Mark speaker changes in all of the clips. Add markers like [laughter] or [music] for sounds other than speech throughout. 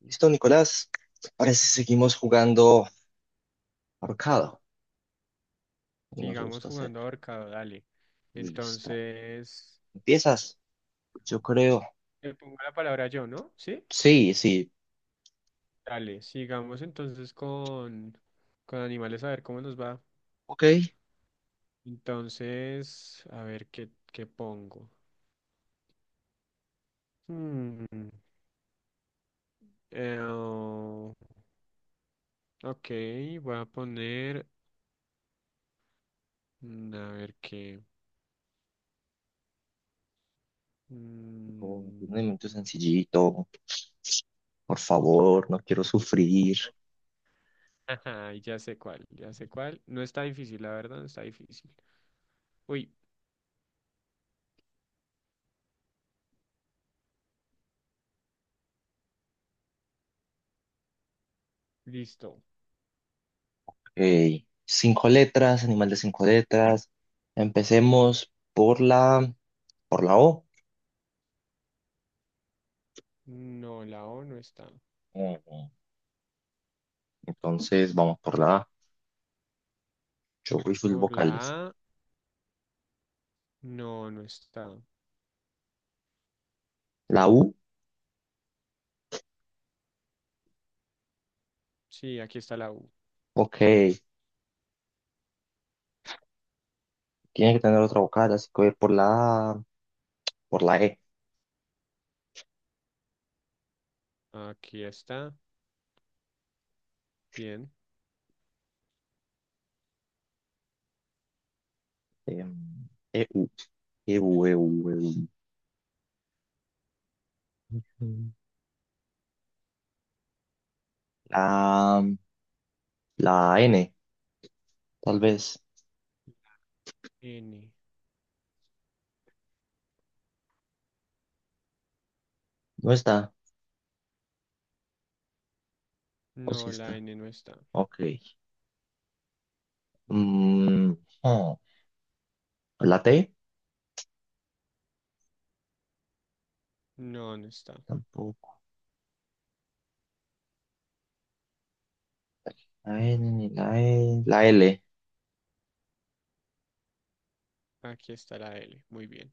Speaker 1: Listo, Nicolás. Ahora sí seguimos jugando ahorcado, como nos
Speaker 2: Sigamos
Speaker 1: gusta hacer.
Speaker 2: jugando ahorcado, dale.
Speaker 1: Listo.
Speaker 2: Entonces,
Speaker 1: ¿Empiezas? Yo creo.
Speaker 2: le pongo la palabra yo, ¿no? ¿Sí?
Speaker 1: Sí, sí.
Speaker 2: Dale, sigamos entonces con animales a ver cómo nos va.
Speaker 1: Ok.
Speaker 2: Entonces, a ver qué pongo. Hmm, eh, oh, ok, voy a poner, a ver qué.
Speaker 1: Tipo, un
Speaker 2: mm,
Speaker 1: elemento
Speaker 2: mm,
Speaker 1: sencillito. Por favor, no quiero sufrir.
Speaker 2: ajá, ya sé cuál, ya sé cuál. No está difícil, la verdad, no está difícil. Uy, listo.
Speaker 1: Ok. Cinco letras, animal de cinco letras. Empecemos por la, O.
Speaker 2: No, la O no está.
Speaker 1: Ujú. Entonces, vamos por la A. Yo voy full
Speaker 2: Por la
Speaker 1: vocales.
Speaker 2: A, no, no está.
Speaker 1: La U.
Speaker 2: Sí, aquí está la U.
Speaker 1: Ok. Tiene que tener otra vocal, así que voy por la E.
Speaker 2: Aquí está. Bien.
Speaker 1: E U E U La, la N, tal vez.
Speaker 2: N.
Speaker 1: No está. O sí
Speaker 2: No, la
Speaker 1: está.
Speaker 2: N no está.
Speaker 1: Ok. Mm, oh, la T,
Speaker 2: No, no está.
Speaker 1: tampoco. La N, ni la E. La L.
Speaker 2: Aquí está la L. Muy bien.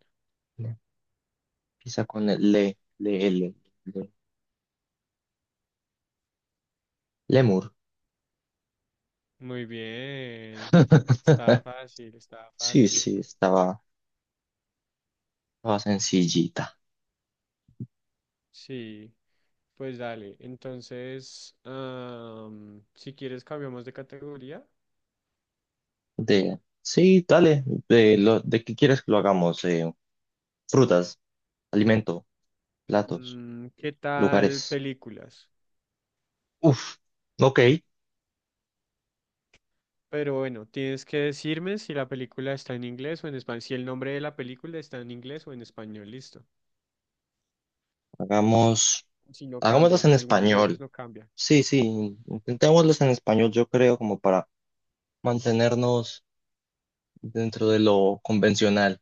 Speaker 1: Empieza con el L le- Lemur.
Speaker 2: Muy bien. Estaba
Speaker 1: [laughs]
Speaker 2: fácil, estaba
Speaker 1: Sí,
Speaker 2: fácil.
Speaker 1: sí, estaba sencillita.
Speaker 2: Sí, pues dale. Entonces, si quieres, cambiamos de categoría.
Speaker 1: Sí, dale. ¿De qué quieres que lo hagamos? Frutas, alimento, platos,
Speaker 2: ¿Qué tal
Speaker 1: lugares.
Speaker 2: películas?
Speaker 1: Uf, ok,
Speaker 2: Pero bueno, tienes que decirme si la película está en inglés o en español, si el nombre de la película está en inglés o en español, listo.
Speaker 1: hagamos,
Speaker 2: Si no
Speaker 1: hagámoslos
Speaker 2: cambia,
Speaker 1: en
Speaker 2: algunas veces
Speaker 1: español.
Speaker 2: no cambia.
Speaker 1: Sí, sí, intentémoslos en español, yo creo, como para mantenernos dentro de lo convencional.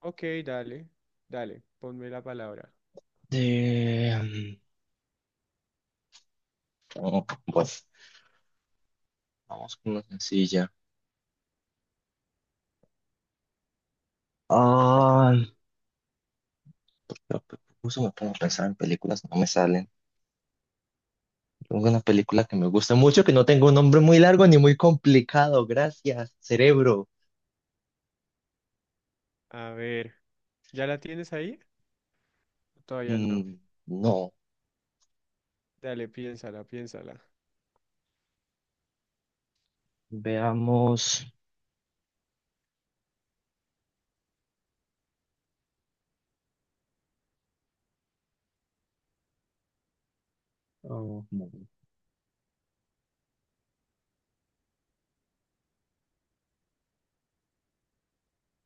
Speaker 2: Ok, dale, dale, ponme la palabra.
Speaker 1: De, pues, vamos con una sencilla. Ah, porque justo me pongo a pensar en películas, no me salen. Tengo una película que me gusta mucho, que no tengo un nombre muy largo ni muy complicado. Gracias, cerebro.
Speaker 2: A ver, ¿ya la tienes ahí? Todavía no.
Speaker 1: Mm, no,
Speaker 2: Dale, piénsala, piénsala.
Speaker 1: veamos. Oh,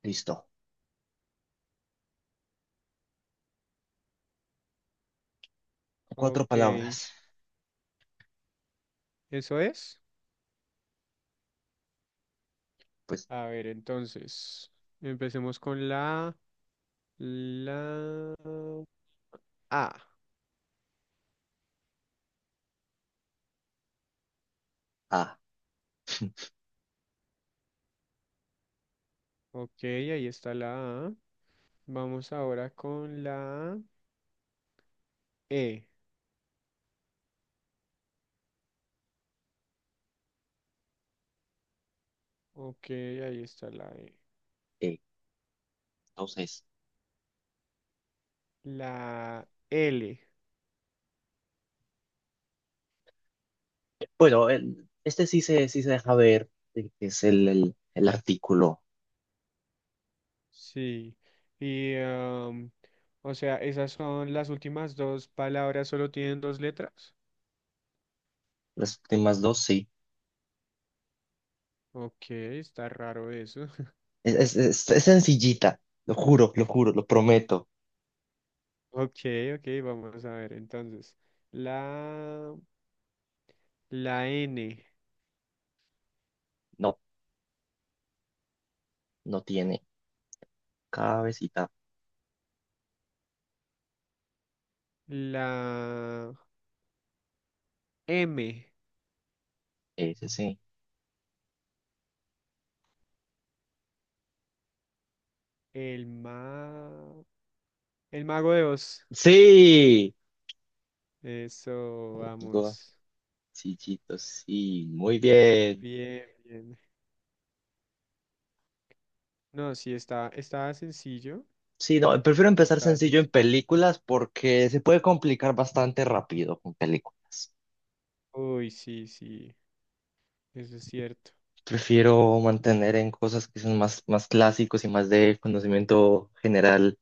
Speaker 1: listo. Cuatro
Speaker 2: Ok,
Speaker 1: palabras.
Speaker 2: ¿eso es?
Speaker 1: Pues,
Speaker 2: A ver, entonces, empecemos con la A.
Speaker 1: ah,
Speaker 2: Ok, ahí está la A. Vamos ahora con la E. Ok, ahí está la E.
Speaker 1: eh, entonces.
Speaker 2: La L,
Speaker 1: Bueno, este sí se, deja ver, que es el artículo.
Speaker 2: sí. Y, o sea, esas son las últimas dos palabras, solo tienen dos letras.
Speaker 1: Las últimas dos sí.
Speaker 2: Ok, está raro eso. [laughs]
Speaker 1: Es sencillita, lo juro, lo juro, lo prometo.
Speaker 2: Ok, ok, vamos a ver entonces. La, la N,
Speaker 1: No, no tiene cabecita.
Speaker 2: la M,
Speaker 1: Ese sí.
Speaker 2: el ma, el mago de Oz.
Speaker 1: Sí,
Speaker 2: Eso,
Speaker 1: Go-
Speaker 2: vamos.
Speaker 1: sencillito, sí, muy bien.
Speaker 2: Bien, bien. No, sí, está sencillo.
Speaker 1: Sí, no, prefiero empezar
Speaker 2: Está
Speaker 1: sencillo en
Speaker 2: sencillo.
Speaker 1: películas porque se puede complicar bastante rápido con películas.
Speaker 2: Uy, sí, sí, eso es cierto.
Speaker 1: Prefiero mantener en cosas que son más, más clásicos y más de conocimiento general,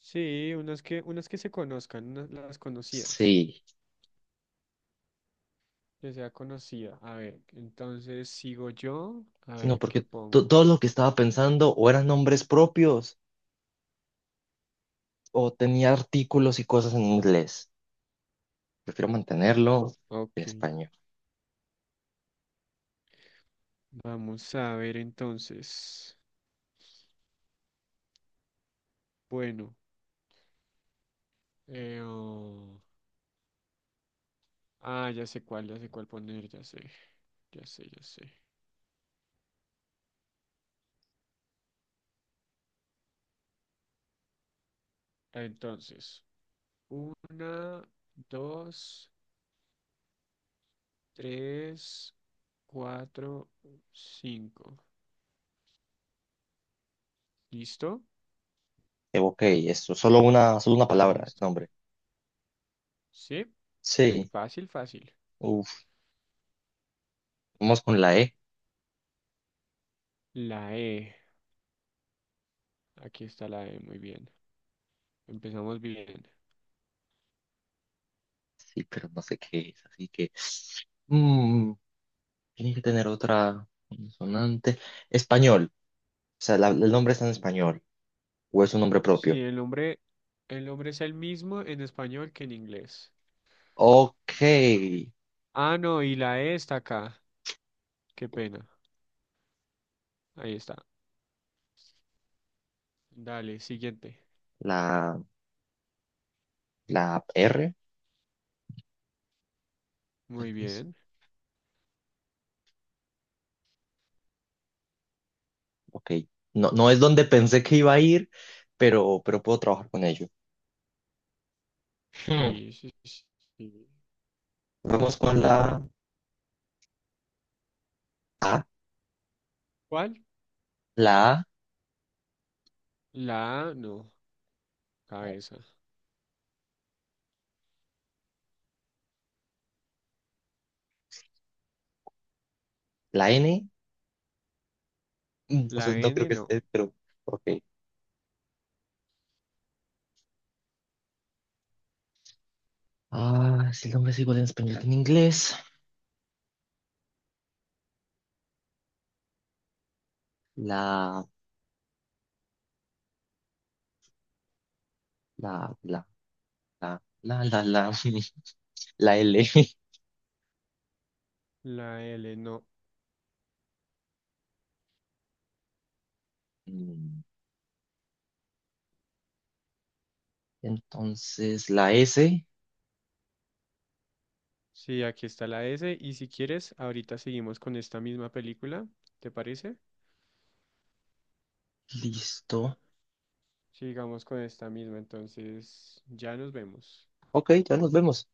Speaker 2: Sí, unas que se conozcan, unas las conocidas,
Speaker 1: sí,
Speaker 2: que sea conocida. A ver, entonces sigo yo, a
Speaker 1: sino
Speaker 2: ver qué
Speaker 1: porque
Speaker 2: pongo.
Speaker 1: todo lo que estaba pensando o eran nombres propios o tenía artículos y cosas en inglés. Prefiero mantenerlo en
Speaker 2: Ok,
Speaker 1: español.
Speaker 2: vamos a ver entonces. Bueno, eh, oh, ya sé cuál poner, ya sé, ya sé, ya sé. Entonces, una, dos, tres, cuatro, cinco. ¿Listo?
Speaker 1: Ok, eso, solo una
Speaker 2: Ahí
Speaker 1: palabra, el
Speaker 2: está.
Speaker 1: nombre.
Speaker 2: ¿Sí?
Speaker 1: Sí,
Speaker 2: Fácil, fácil.
Speaker 1: uf, vamos con la E,
Speaker 2: La E. Aquí está la E, muy bien. Empezamos bien.
Speaker 1: sí, pero no sé qué es, así que mm, tiene que tener otra consonante. Español, o sea, el nombre está en español o es un nombre
Speaker 2: Sí,
Speaker 1: propio.
Speaker 2: el nombre es el mismo en español que en inglés.
Speaker 1: Ok,
Speaker 2: Ah, no, y la E está acá. Qué pena. Ahí está. Dale, siguiente.
Speaker 1: la, la R, tal
Speaker 2: Muy
Speaker 1: vez.
Speaker 2: bien.
Speaker 1: Ok, no, no es donde pensé que iba a ir, pero puedo trabajar con ello. Hmm.
Speaker 2: Y sí, sí, sí.
Speaker 1: Vamos con A,
Speaker 2: ¿Cuál?
Speaker 1: la A,
Speaker 2: La A, no.
Speaker 1: no,
Speaker 2: Cabeza.
Speaker 1: la N. No sé,
Speaker 2: La
Speaker 1: no creo
Speaker 2: N,
Speaker 1: que
Speaker 2: no.
Speaker 1: esté, pero ok. Ah, si el nombre es igual en español que en inglés. La, la, la, la [laughs] la L. [laughs]
Speaker 2: La L, no.
Speaker 1: Mm, Entonces, la S,
Speaker 2: Sí, aquí está la S. Y si quieres, ahorita seguimos con esta misma película. ¿Te parece?
Speaker 1: listo.
Speaker 2: Sigamos con esta misma, entonces ya nos vemos.
Speaker 1: Ok, ya nos vemos.